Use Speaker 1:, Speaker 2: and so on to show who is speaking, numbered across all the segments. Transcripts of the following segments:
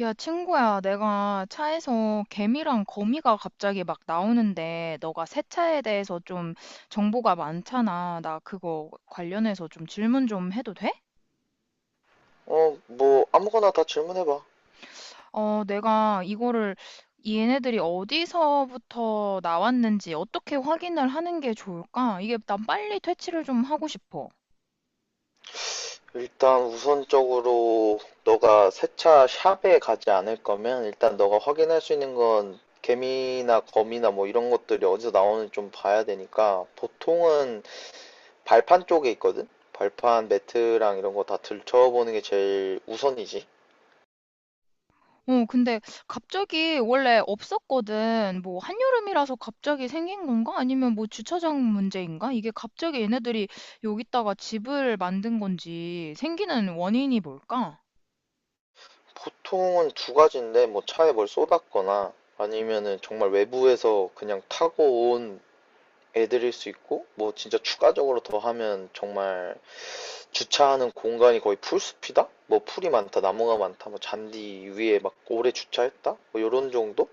Speaker 1: 야, 친구야, 내가 차에서 개미랑 거미가 갑자기 막 나오는데, 너가 세차에 대해서 좀 정보가 많잖아. 나 그거 관련해서 좀 질문 좀 해도 돼?
Speaker 2: 어, 뭐, 아무거나 다 질문해봐.
Speaker 1: 어, 내가 이거를 얘네들이 어디서부터 나왔는지 어떻게 확인을 하는 게 좋을까? 이게 난 빨리 퇴치를 좀 하고 싶어.
Speaker 2: 일단 우선적으로 너가 세차 샵에 가지 않을 거면 일단 너가 확인할 수 있는 건 개미나 거미나 뭐 이런 것들이 어디서 나오는지 좀 봐야 되니까 보통은 발판 쪽에 있거든? 발판 매트랑 이런 거 다 들춰보는 게 제일 우선이지.
Speaker 1: 어, 근데 갑자기 원래 없었거든. 뭐 한여름이라서 갑자기 생긴 건가? 아니면 뭐 주차장 문제인가? 이게 갑자기 얘네들이 여기다가 집을 만든 건지 생기는 원인이 뭘까?
Speaker 2: 보통은 두 가지인데, 뭐 차에 뭘 쏟았거나 아니면은 정말 외부에서 그냥 타고 온 애들일 수 있고, 뭐 진짜 추가적으로 더 하면 정말 주차하는 공간이 거의 풀숲이다? 뭐 풀이 많다, 나무가 많다, 뭐 잔디 위에 막 오래 주차했다? 뭐 요런 정도?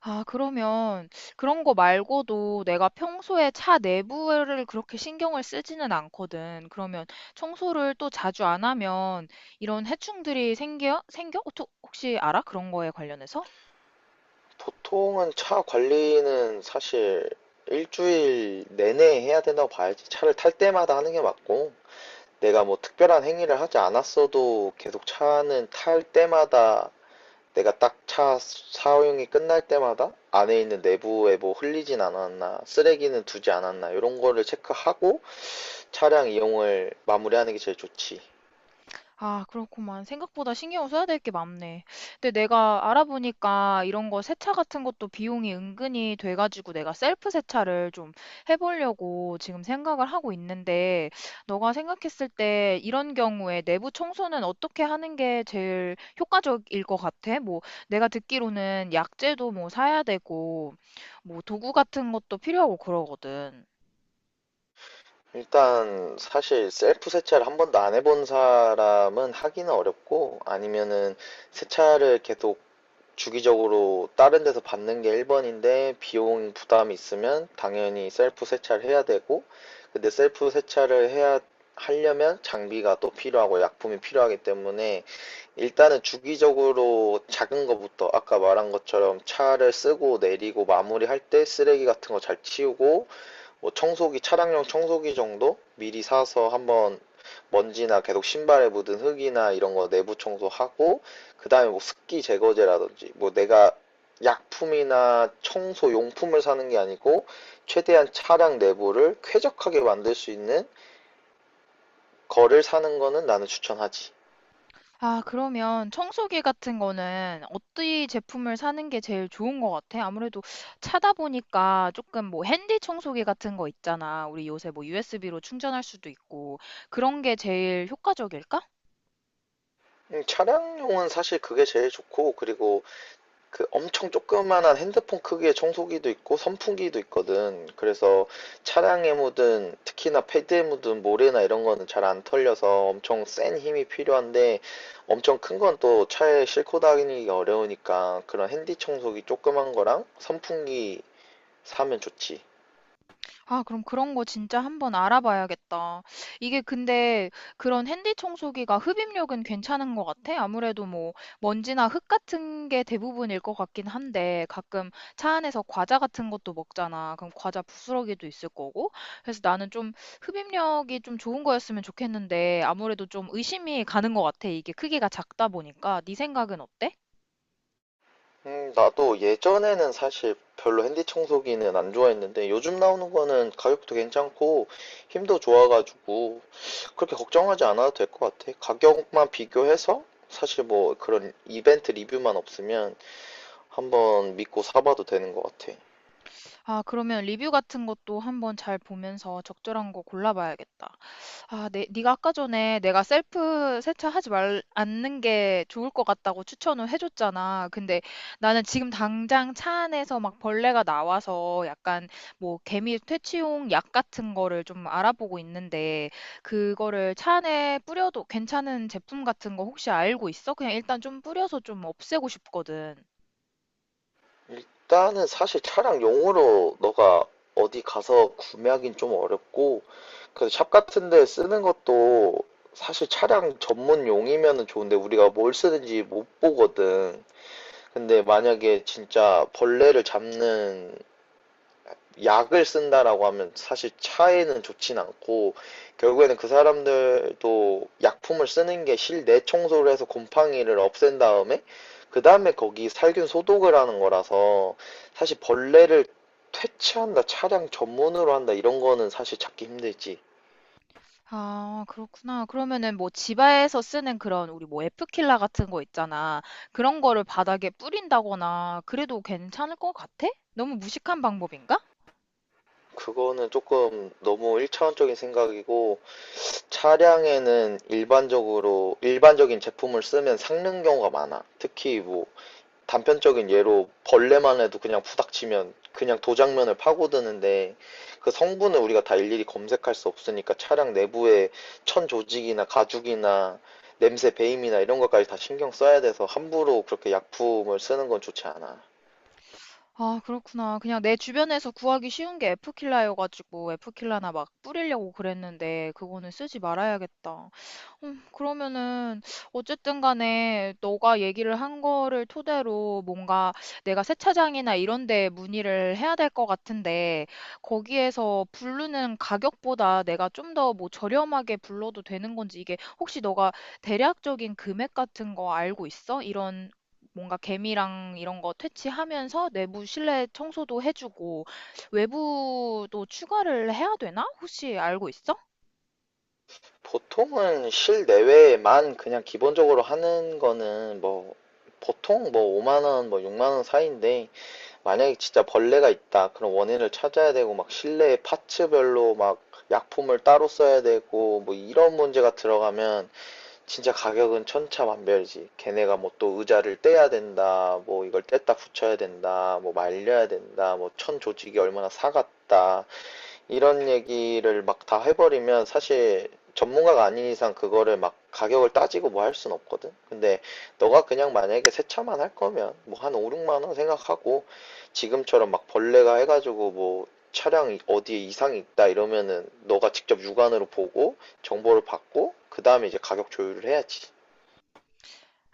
Speaker 1: 아, 그러면 그런 거 말고도 내가 평소에 차 내부를 그렇게 신경을 쓰지는 않거든. 그러면 청소를 또 자주 안 하면 이런 해충들이 생겨? 생겨? 어, 혹시 알아? 그런 거에 관련해서?
Speaker 2: 보통은 차 관리는 사실 일주일 내내 해야 된다고 봐야지. 차를 탈 때마다 하는 게 맞고, 내가 뭐 특별한 행위를 하지 않았어도 계속 차는 탈 때마다, 내가 딱 차 사용이 끝날 때마다 안에 있는 내부에 뭐 흘리진 않았나, 쓰레기는 두지 않았나, 이런 거를 체크하고 차량 이용을 마무리하는 게 제일 좋지.
Speaker 1: 아, 그렇구만. 생각보다 신경 써야 될 게 많네. 근데 내가 알아보니까 이런 거 세차 같은 것도 비용이 은근히 돼가지고 내가 셀프 세차를 좀 해보려고 지금 생각을 하고 있는데, 너가 생각했을 때 이런 경우에 내부 청소는 어떻게 하는 게 제일 효과적일 것 같아? 뭐, 내가 듣기로는 약재도 뭐 사야 되고, 뭐 도구 같은 것도 필요하고 그러거든.
Speaker 2: 일단 사실 셀프 세차를 한 번도 안 해본 사람은 하기는 어렵고, 아니면은 세차를 계속 주기적으로 다른 데서 받는 게 1번인데, 비용 부담이 있으면 당연히 셀프 세차를 해야 되고. 근데 셀프 세차를 해야 하려면 장비가 또 필요하고 약품이 필요하기 때문에, 일단은 주기적으로 작은 거부터 아까 말한 것처럼 차를 쓰고 내리고 마무리할 때 쓰레기 같은 거 잘 치우고, 뭐 청소기, 차량용 청소기 정도 미리 사서 한번 먼지나 계속 신발에 묻은 흙이나 이런 거 내부 청소하고, 그다음에 뭐 습기 제거제라든지, 뭐 내가 약품이나 청소 용품을 사는 게 아니고 최대한 차량 내부를 쾌적하게 만들 수 있는 거를 사는 거는 나는 추천하지.
Speaker 1: 아, 그러면 청소기 같은 거는 어떤 제품을 사는 게 제일 좋은 것 같아? 아무래도 차다 보니까 조금 뭐 핸디 청소기 같은 거 있잖아. 우리 요새 뭐 USB로 충전할 수도 있고 그런 게 제일 효과적일까?
Speaker 2: 차량용은 사실 그게 제일 좋고, 그리고 그 엄청 조그만한 핸드폰 크기의 청소기도 있고 선풍기도 있거든. 그래서 차량에 묻은, 특히나 패드에 묻은 모래나 이런 거는 잘 안 털려서 엄청 센 힘이 필요한데, 엄청 큰 건 또 차에 싣고 다니기 어려우니까 그런 핸디 청소기 조그만 거랑 선풍기 사면 좋지.
Speaker 1: 아, 그럼 그런 거 진짜 한번 알아봐야겠다. 이게 근데 그런 핸디 청소기가 흡입력은 괜찮은 것 같아? 아무래도 뭐 먼지나 흙 같은 게 대부분일 것 같긴 한데 가끔 차 안에서 과자 같은 것도 먹잖아. 그럼 과자 부스러기도 있을 거고. 그래서 나는 좀 흡입력이 좀 좋은 거였으면 좋겠는데 아무래도 좀 의심이 가는 것 같아. 이게 크기가 작다 보니까. 네 생각은 어때?
Speaker 2: 나도 예전에는 사실 별로 핸디 청소기는 안 좋아했는데, 요즘 나오는 거는 가격도 괜찮고 힘도 좋아가지고 그렇게 걱정하지 않아도 될 것 같아. 가격만 비교해서, 사실 뭐 그런 이벤트 리뷰만 없으면 한번 믿고 사봐도 되는 것 같아.
Speaker 1: 아, 그러면 리뷰 같은 것도 한번 잘 보면서 적절한 거 골라봐야겠다. 아, 네, 네가 아까 전에 내가 셀프 세차하지 말 않는 게 좋을 것 같다고 추천을 해줬잖아. 근데 나는 지금 당장 차 안에서 막 벌레가 나와서 약간 뭐 개미 퇴치용 약 같은 거를 좀 알아보고 있는데 그거를 차 안에 뿌려도 괜찮은 제품 같은 거 혹시 알고 있어? 그냥 일단 좀 뿌려서 좀 없애고 싶거든.
Speaker 2: 일단은 사실 차량 용으로 너가 어디 가서 구매하긴 좀 어렵고, 그래서 샵 같은 데 쓰는 것도 사실 차량 전문용이면은 좋은데, 우리가 뭘 쓰는지 못 보거든. 근데 만약에 진짜 벌레를 잡는 약을 쓴다라고 하면 사실 차에는 좋진 않고, 결국에는 그 사람들도 약품을 쓰는 게 실내 청소를 해서 곰팡이를 없앤 다음에, 그 다음에 거기 살균 소독을 하는 거라서, 사실 벌레를 퇴치한다, 차량 전문으로 한다, 이런 거는 사실 찾기 힘들지.
Speaker 1: 아, 그렇구나. 그러면은 뭐 집에서 쓰는 그런 우리 뭐 에프킬라 같은 거 있잖아. 그런 거를 바닥에 뿌린다거나 그래도 괜찮을 것 같아? 너무 무식한 방법인가?
Speaker 2: 그거는 조금 너무 일차원적인 생각이고, 차량에는 일반적으로 일반적인 제품을 쓰면 삭는 경우가 많아. 특히 뭐 단편적인 예로 벌레만 해도 그냥 부닥치면 그냥 도장면을 파고드는데, 그 성분을 우리가 다 일일이 검색할 수 없으니까 차량 내부에 천 조직이나 가죽이나 냄새 배임이나 이런 것까지 다 신경 써야 돼서 함부로 그렇게 약품을 쓰는 건 좋지 않아.
Speaker 1: 아, 그렇구나. 그냥 내 주변에서 구하기 쉬운 게 에프킬라여가지고 에프킬라나 막 뿌리려고 그랬는데 그거는 쓰지 말아야겠다. 그러면은 어쨌든 간에 너가 얘기를 한 거를 토대로 뭔가 내가 세차장이나 이런 데 문의를 해야 될 것 같은데 거기에서 부르는 가격보다 내가 좀 더 뭐 저렴하게 불러도 되는 건지 이게 혹시 너가 대략적인 금액 같은 거 알고 있어? 이런 뭔가 개미랑 이런 거 퇴치하면서 내부 실내 청소도 해주고 외부도 추가를 해야 되나? 혹시 알고 있어?
Speaker 2: 보통은 실내외에만 그냥 기본적으로 하는 거는 뭐 보통 뭐 5만 원, 뭐 6만 원 사이인데, 만약에 진짜 벌레가 있다. 그런 원인을 찾아야 되고 막 실내 파츠별로 막 약품을 따로 써야 되고 뭐 이런 문제가 들어가면 진짜 가격은 천차만별이지. 걔네가 뭐 또 의자를 떼야 된다. 뭐 이걸 뗐다 붙여야 된다. 뭐 말려야 된다. 뭐 천 조직이 얼마나 사갔다. 이런 얘기를 막 다 해버리면 사실 전문가가 아닌 이상 그거를 막 가격을 따지고 뭐 할 순 없거든. 근데 너가 그냥 만약에 세차만 할 거면 뭐 한 5, 6만 원 생각하고, 지금처럼 막 벌레가 해가지고 뭐 어디에 이상이 있다 이러면은 너가 직접 육안으로 보고 정보를 받고 그 다음에 이제 가격 조율을 해야지.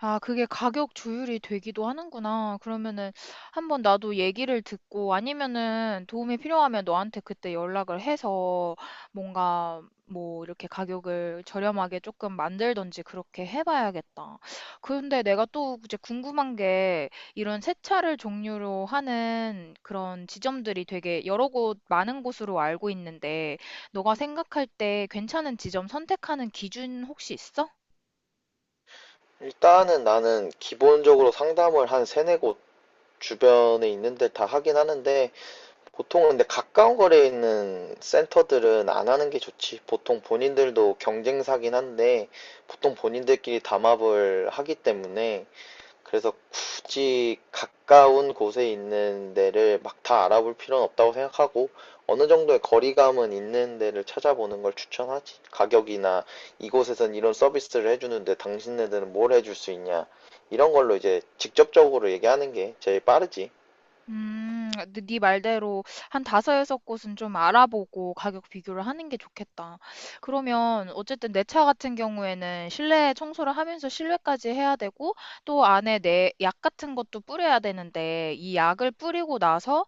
Speaker 1: 아, 그게 가격 조율이 되기도 하는구나. 그러면은 한번 나도 얘기를 듣고 아니면은 도움이 필요하면 너한테 그때 연락을 해서 뭔가 뭐 이렇게 가격을 저렴하게 조금 만들던지 그렇게 해봐야겠다. 근데 내가 또 이제 궁금한 게 이런 세차를 종류로 하는 그런 지점들이 되게 여러 곳 많은 곳으로 알고 있는데 너가 생각할 때 괜찮은 지점 선택하는 기준 혹시 있어?
Speaker 2: 일단은 나는 기본적으로 상담을 한 세네 곳 주변에 있는 데 다 하긴 하는데, 보통은 근데 가까운 거리에 있는 센터들은 안 하는 게 좋지. 보통 본인들도 경쟁사긴 한데, 보통 본인들끼리 담합을 하기 때문에, 그래서 굳이 가까운 곳에 있는 데를 막 다 알아볼 필요는 없다고 생각하고, 어느 정도의 거리감은 있는 데를 찾아보는 걸 추천하지. 가격이나, 이곳에선 이런 서비스를 해주는데 당신네들은 뭘 해줄 수 있냐, 이런 걸로 이제 직접적으로 얘기하는 게 제일 빠르지.
Speaker 1: 근데 네 말대로 한 다섯, 여섯 곳은 좀 알아보고 가격 비교를 하는 게 좋겠다. 그러면 어쨌든 내 차 같은 경우에는 실내 청소를 하면서 실외까지 해야 되고 또 안에 내 약 같은 것도 뿌려야 되는데 이 약을 뿌리고 나서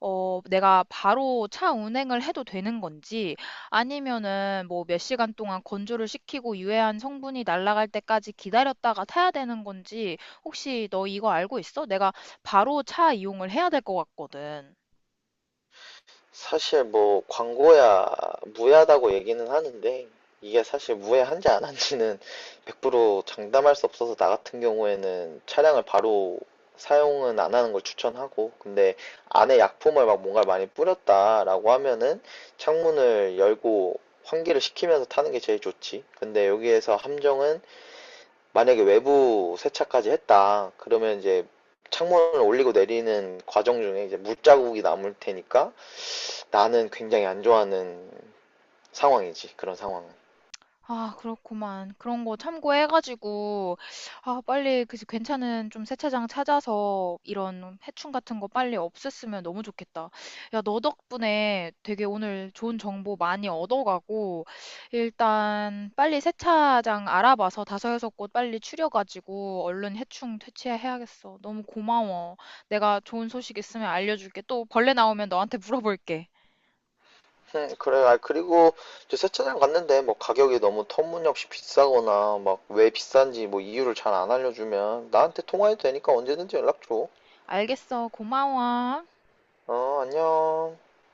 Speaker 1: 어, 내가 바로 차 운행을 해도 되는 건지 아니면은 뭐 몇 시간 동안 건조를 시키고 유해한 성분이 날아갈 때까지 기다렸다가 타야 되는 건지 혹시 너 이거 알고 있어? 내가 바로 차 이용을 해야 될 것 같거든.
Speaker 2: 사실 뭐 광고야 무해하다고 얘기는 하는데, 이게 사실 무해한지 안 한지는 100% 장담할 수 없어서 나 같은 경우에는 차량을 바로 사용은 안 하는 걸 추천하고. 근데 안에 약품을 막 뭔가 많이 뿌렸다라고 하면은 창문을 열고 환기를 시키면서 타는 게 제일 좋지. 근데 여기에서 함정은, 만약에 외부 세차까지 했다, 그러면 이제 창문을 올리고 내리는 과정 중에 이제 물자국이 남을 테니까 나는 굉장히 안 좋아하는 상황이지, 그런 상황은.
Speaker 1: 아, 그렇구만. 그런 거 참고해가지고, 아, 빨리 그 괜찮은 좀 세차장 찾아서 이런 해충 같은 거 빨리 없앴으면 너무 좋겠다. 야, 너 덕분에 되게 오늘 좋은 정보 많이 얻어가고, 일단 빨리 세차장 알아봐서 다섯 여섯 곳 빨리 추려가지고 얼른 해충 퇴치해야겠어. 너무 고마워. 내가 좋은 소식 있으면 알려줄게. 또 벌레 나오면 너한테 물어볼게.
Speaker 2: 그래. 아, 그리고 저 세차장 갔는데 뭐 가격이 너무 터무니없이 비싸거나 막 왜 비싼지 뭐 이유를 잘 안 알려주면 나한테 통화해도 되니까 언제든지 연락 줘.
Speaker 1: 알겠어. 고마워.
Speaker 2: 어, 안녕.